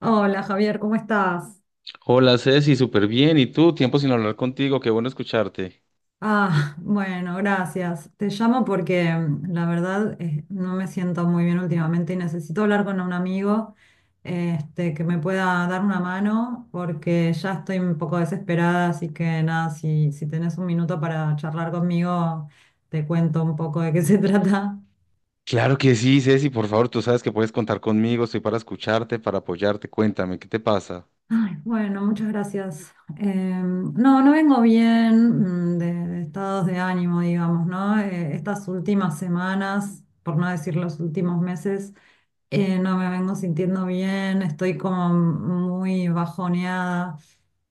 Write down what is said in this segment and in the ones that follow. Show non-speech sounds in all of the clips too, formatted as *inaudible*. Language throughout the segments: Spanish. Hola Javier, ¿cómo estás? Hola Ceci, súper bien. ¿Y tú? Tiempo sin hablar contigo, qué bueno escucharte. Ah, bueno, gracias. Te llamo porque la verdad no me siento muy bien últimamente y necesito hablar con un amigo que me pueda dar una mano porque ya estoy un poco desesperada, así que nada, si tenés un minuto para charlar conmigo, te cuento un poco de qué *laughs* se trata. Claro que sí, Ceci, por favor, tú sabes que puedes contar conmigo, estoy para escucharte, para apoyarte, cuéntame, ¿qué te pasa? Ay, bueno, muchas gracias. No, no vengo bien, de estados de ánimo, digamos, ¿no? Estas últimas semanas, por no decir los últimos meses, no me vengo sintiendo bien, estoy como muy bajoneada.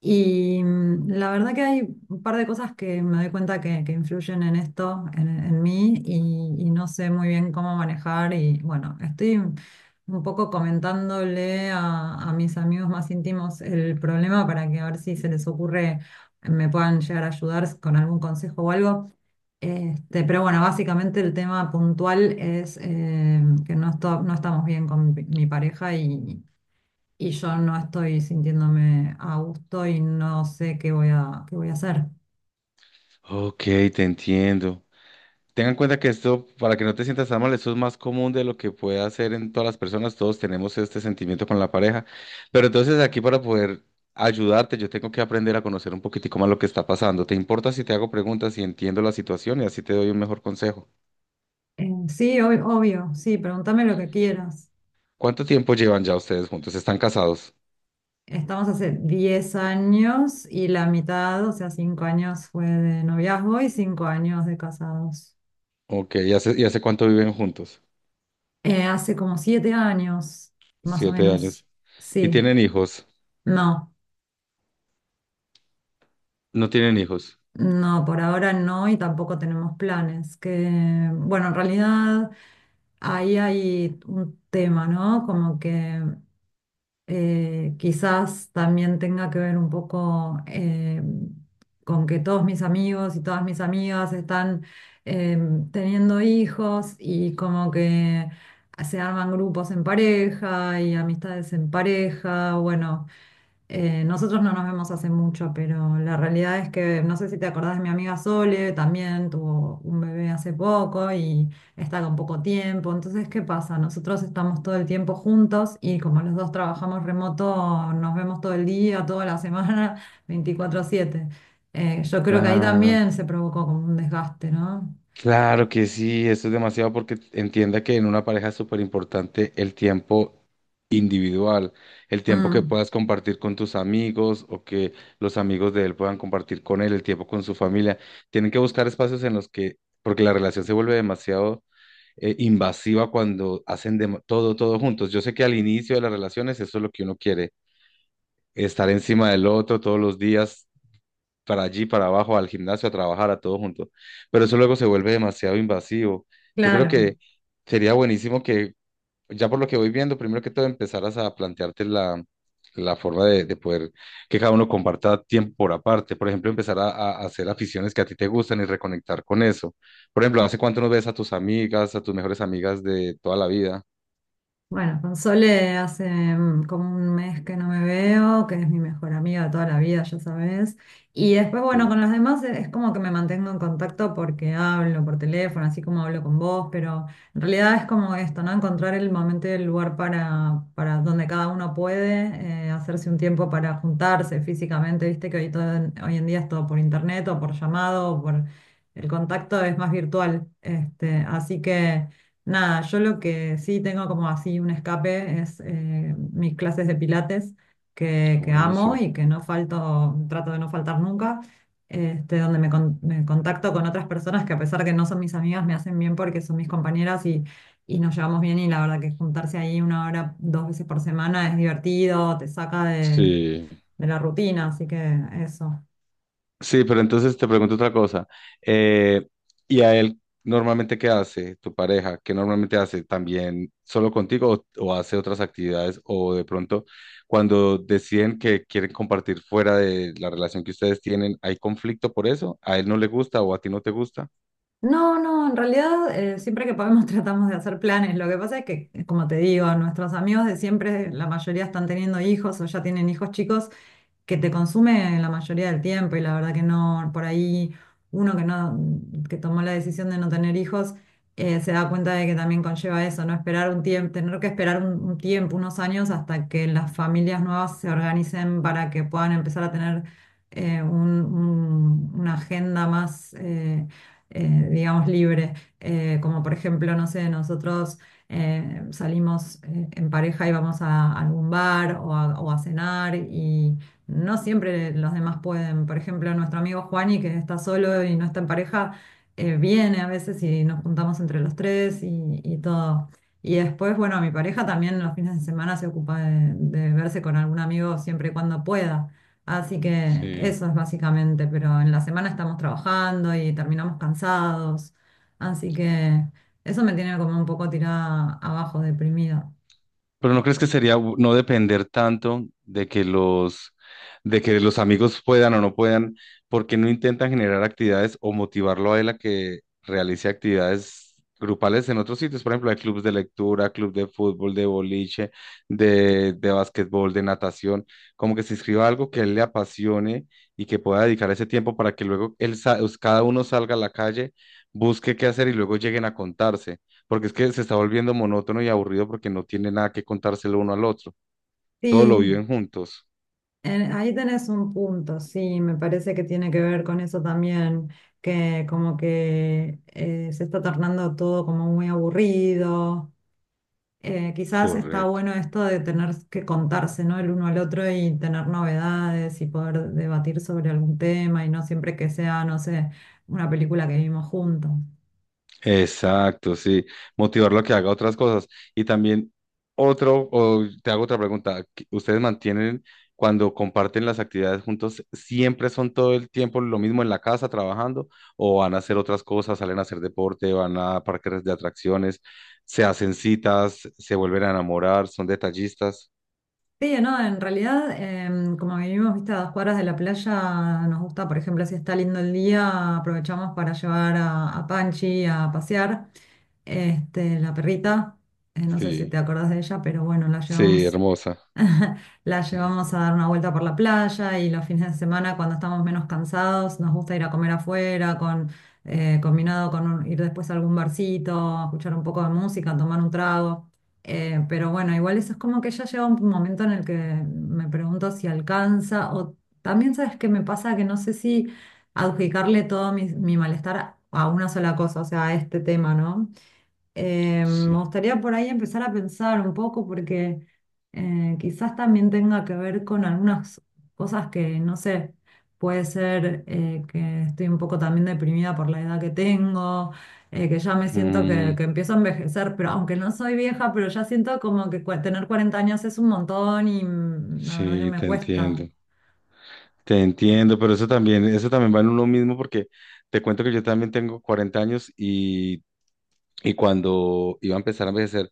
Y la verdad que hay un par de cosas que me doy cuenta que influyen en esto, en mí, y no sé muy bien cómo manejar. Y bueno, estoy un poco comentándole a mis amigos más íntimos el problema para que a ver si se les ocurre, me puedan llegar a ayudar con algún consejo o algo. Pero bueno, básicamente el tema puntual es que no, no estamos bien con mi pareja, y yo no estoy sintiéndome a gusto y no sé qué voy a hacer. Ok, te entiendo. Tengan en cuenta que esto, para que no te sientas tan mal, esto es más común de lo que puede hacer en todas las personas, todos tenemos este sentimiento con la pareja, pero entonces aquí para poder ayudarte, yo tengo que aprender a conocer un poquitico más lo que está pasando. ¿Te importa si te hago preguntas y entiendo la situación y así te doy un mejor consejo? Sí, obvio, sí, pregúntame lo que quieras. ¿Cuánto tiempo llevan ya ustedes juntos? ¿Están casados? Estamos hace 10 años y la mitad, o sea, 5 años fue de noviazgo y 5 años de casados. Ok, ¿y hace cuánto viven juntos? Hace como 7 años, más o Siete menos. años. ¿Y Sí, tienen hijos? no. No tienen hijos. No, por ahora no y tampoco tenemos planes. Que, bueno, en realidad ahí hay un tema, ¿no? Como que quizás también tenga que ver un poco, con que todos mis amigos y todas mis amigas están eh, teniendo hijos y como que se arman grupos en pareja y amistades en pareja. Bueno. Nosotros no nos vemos hace mucho, pero la realidad es que no sé si te acordás de mi amiga Sole, también tuvo un bebé hace poco y está con poco tiempo. Entonces, ¿qué pasa? Nosotros estamos todo el tiempo juntos y como los dos trabajamos remoto, nos vemos todo el día, toda la semana, *laughs* 24/7. Yo creo que ahí Claro, también se provocó como un desgaste, ¿no? claro que sí, eso es demasiado porque entienda que en una pareja es súper importante el tiempo individual, el tiempo que Mm, puedas compartir con tus amigos o que los amigos de él puedan compartir con él, el tiempo con su familia. Tienen que buscar espacios en los que, porque la relación se vuelve demasiado invasiva cuando hacen todo, todo juntos. Yo sé que al inicio de las relaciones eso es lo que uno quiere estar encima del otro todos los días, para allí, para abajo, al gimnasio, a trabajar, a todo junto. Pero eso luego se vuelve demasiado invasivo. Yo creo claro. que sería buenísimo que, ya por lo que voy viendo, primero que todo empezaras a plantearte la forma de poder que cada uno comparta tiempo por aparte. Por ejemplo, empezar a hacer aficiones que a ti te gustan y reconectar con eso. Por ejemplo, ¿hace cuánto no ves a tus amigas, a tus mejores amigas de toda la vida? Bueno, con Sole hace como un mes que no me veo, que es mi mejor amiga de toda la vida, ya sabes. Y después, bueno, Sí. con los demás es como que me mantengo en contacto porque hablo por teléfono, así como hablo con vos, pero en realidad es como esto, ¿no? Encontrar el momento y el lugar para donde cada uno puede hacerse un tiempo para juntarse físicamente, viste que hoy, todo, hoy en día es todo por internet o por llamado o por... El contacto es más virtual, así que... Nada, yo lo que sí tengo como así un escape es mis clases de pilates que amo Buenísimo. y que no falto, trato de no faltar nunca, donde me contacto con otras personas que a pesar que no son mis amigas, me hacen bien porque son mis compañeras y nos llevamos bien y la verdad que juntarse ahí una hora, dos veces por semana es divertido, te saca de, Sí. de la rutina, así que eso. Sí, pero entonces te pregunto otra cosa. Eh, ¿y a él normalmente qué hace tu pareja? ¿Qué normalmente hace también solo contigo o hace otras actividades? O de pronto, cuando deciden que quieren compartir fuera de la relación que ustedes tienen, ¿hay conflicto por eso? ¿A él no le gusta o a ti no te gusta? No, no, en realidad, siempre que podemos *laughs* tratamos de hacer planes. Lo que pasa es que, como te digo, nuestros amigos de siempre, la mayoría están teniendo hijos o ya tienen hijos chicos que te consume la mayoría del tiempo y la verdad que no, por ahí uno que no, que tomó la decisión de no tener hijos, se da cuenta de que también conlleva eso, ¿no? Esperar un tiempo, tener que esperar un tiempo, unos años hasta que las familias nuevas se organicen para que puedan empezar a tener una agenda más, digamos, libre. Como por ejemplo, no sé, nosotros salimos en pareja y vamos a algún bar o a cenar. No siempre los demás pueden. Por ejemplo, nuestro amigo Juani, que está solo y no está en pareja, viene a veces y nos juntamos entre los tres y todo. Y después, bueno, mi pareja también los fines de semana se ocupa de verse con algún amigo siempre y cuando pueda. Así que Sí. eso es básicamente, pero en la semana estamos trabajando y terminamos cansados. Así que eso me tiene como un poco tirada abajo, deprimida. Pero ¿no crees que sería no depender tanto de que de que los amigos puedan o no puedan, porque no intentan generar actividades o motivarlo a él a que realice actividades grupales en otros sitios? Por ejemplo, hay clubes de lectura, club de fútbol, de boliche, de básquetbol, de natación, como que se inscriba a algo que a él le apasione y que pueda dedicar ese tiempo para que luego él, cada uno salga a la calle, busque qué hacer y luego lleguen a contarse porque es que se está volviendo monótono y aburrido porque no tiene nada que contárselo uno al otro. Todo lo Sí. viven juntos. Ahí tenés un punto, sí, me parece que tiene que ver con eso también, que como que se está tornando todo como muy aburrido. Quizás está Correcto. bueno esto de tener que contarse, ¿no? El uno al otro y tener novedades y poder debatir sobre algún tema y no siempre que sea, no sé, una película que vimos juntos. Exacto, sí. Motivarlo a que haga otras cosas. Y también otro, o te hago otra pregunta. ¿Ustedes mantienen cuando comparten las actividades juntos, siempre son todo el tiempo lo mismo en la casa trabajando o van a hacer otras cosas, salen a hacer deporte, van a parques de atracciones, se hacen citas, se vuelven a enamorar, son detallistas? Sí, no, en realidad, como vivimos, viste, a dos cuadras de la playa, nos gusta, por ejemplo, si está lindo el día, aprovechamos para llevar a Panchi a pasear, la perrita, no sé si te Sí, acordás de ella, pero bueno, la sí, llevamos hermosa. *laughs* la llevamos *laughs* a dar una vuelta por la playa y los fines de semana, cuando estamos menos cansados, nos gusta ir a comer afuera, con, combinado con ir después a algún barcito, escuchar un poco de música, tomar un trago. Pero bueno, igual eso es como que ya llega un momento en el que me pregunto si alcanza, o también sabes qué me pasa, que no sé si adjudicarle todo mi malestar a una sola cosa, o sea, a este tema, ¿no? Sí. Me gustaría por ahí empezar a pensar un poco, porque quizás también tenga que ver con algunas cosas que, no sé, puede ser, que estoy un poco también deprimida por la edad que tengo, que ya me siento que, Mm, que empiezo a envejecer, pero aunque no soy vieja, pero ya siento como que tener 40 años es un montón y la verdad que sí, me te cuesta. entiendo. Te entiendo, pero eso también va en uno mismo porque te cuento que yo también tengo 40 años y cuando iba a empezar a envejecer,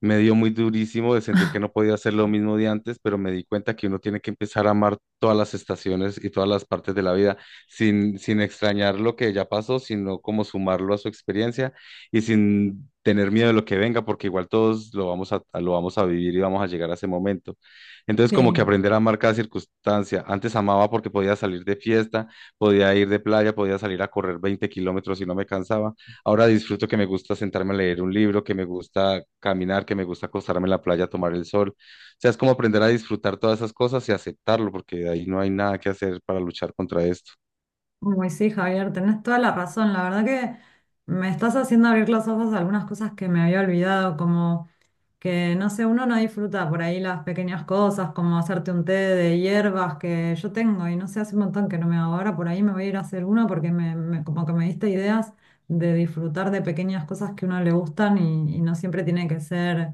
me dio muy durísimo de sentir que no podía hacer lo mismo de antes, pero me di cuenta que uno tiene que empezar a amar todas las estaciones y todas las partes de la vida, sin extrañar lo que ya pasó, sino como sumarlo a su experiencia y sin tener miedo de lo que venga, porque igual todos lo vamos a vivir y vamos a llegar a ese momento. Entonces, como Sí. que aprender a amar cada circunstancia. Antes amaba porque podía salir de fiesta, podía ir de playa, podía salir a correr 20 kilómetros y no me cansaba. Ahora disfruto que me gusta sentarme a leer un libro, que me gusta caminar, que me gusta acostarme en la playa a tomar el sol. O sea, es como aprender a disfrutar todas esas cosas y aceptarlo, porque de ahí no hay nada que hacer para luchar contra esto. Uy, sí, Javier, tenés toda la razón. La verdad que me estás haciendo abrir los ojos a algunas cosas que me había olvidado, como que, no sé, uno no disfruta por ahí las pequeñas cosas, como hacerte un té de hierbas que yo tengo y no sé, hace un montón que no me hago. Ahora por ahí me voy a ir a hacer uno porque como que me diste ideas de disfrutar de pequeñas cosas que a uno le gustan, y no siempre tiene que ser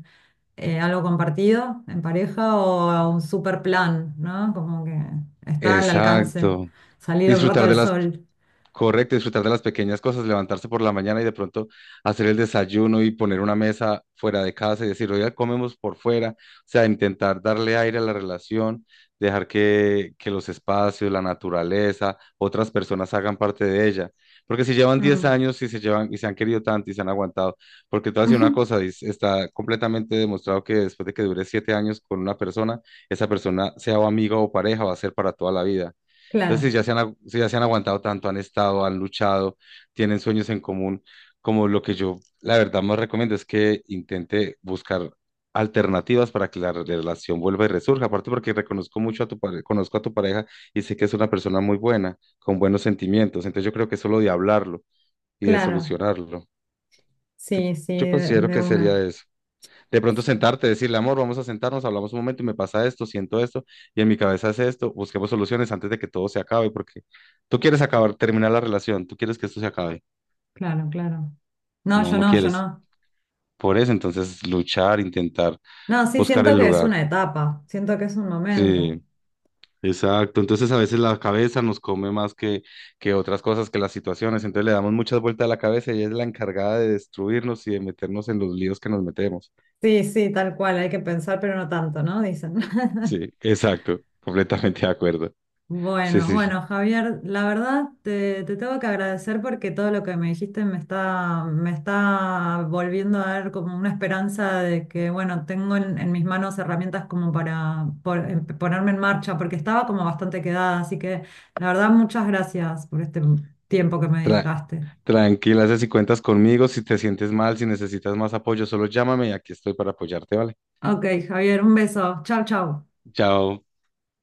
algo compartido en pareja o un super plan, ¿no? Como que está al alcance Exacto. salir un rato Disfrutar de al las. sol. Correcto, disfrutar de las pequeñas cosas, levantarse por la mañana y de pronto hacer el desayuno y poner una mesa fuera de casa y decir, oiga, comemos por fuera, o sea, intentar darle aire a la relación, dejar que los espacios, la naturaleza, otras personas hagan parte de ella. Porque si llevan 10 Mm. años y se llevan y se han querido tanto y se han aguantado, porque te voy a decir una cosa, *laughs* está completamente demostrado que después de que dure 7 años con una persona, esa persona, sea o amiga o pareja, va a ser para toda la vida. Entonces, si Claro, ya se han, si ya se han aguantado tanto, han estado, han luchado, tienen sueños en común, como lo que yo, la verdad, más recomiendo es que intente buscar alternativas para que la relación vuelva y resurja. Aparte porque reconozco mucho a tu pareja, conozco a tu pareja y sé que es una persona muy buena, con buenos sentimientos. Entonces, yo creo que es solo de hablarlo y de claro. solucionarlo. Yo, Sí, sí, yo de, considero de que sería uno. eso. De pronto Sí. sentarte, decirle, amor, vamos a sentarnos, hablamos un momento y me pasa esto, siento esto, y en mi cabeza es esto, busquemos soluciones antes de que todo se acabe, porque tú quieres acabar, terminar la relación, tú quieres que esto se acabe, Claro, claro. No, no, yo no no, yo quieres. no. Por eso, entonces, luchar, intentar No, sí, buscar siento el que es lugar. una etapa, siento que es un momento. Sí, exacto. Entonces, a veces la cabeza nos come más que otras cosas, que las situaciones, entonces le damos muchas vueltas a la cabeza y ella es la encargada de destruirnos y de meternos en los líos que nos metemos. Sí, sí, tal cual, hay que pensar, pero no tanto, ¿no? Dicen. *laughs* Sí, exacto, completamente de acuerdo. Sí, Bueno, sí, sí. bueno, Javier, la verdad te tengo que agradecer porque todo lo que me dijiste me está volviendo a dar como una esperanza de que, bueno, tengo en mis manos herramientas como para ponerme en marcha, porque estaba como bastante quedada, así que la verdad muchas gracias por este tiempo que me Tra- dedicaste. Tranquila, sé si cuentas conmigo, si te sientes mal, si necesitas más apoyo, solo llámame y aquí estoy para apoyarte, ¿vale? Ok, Javier, un beso. Chau, chau. Chao.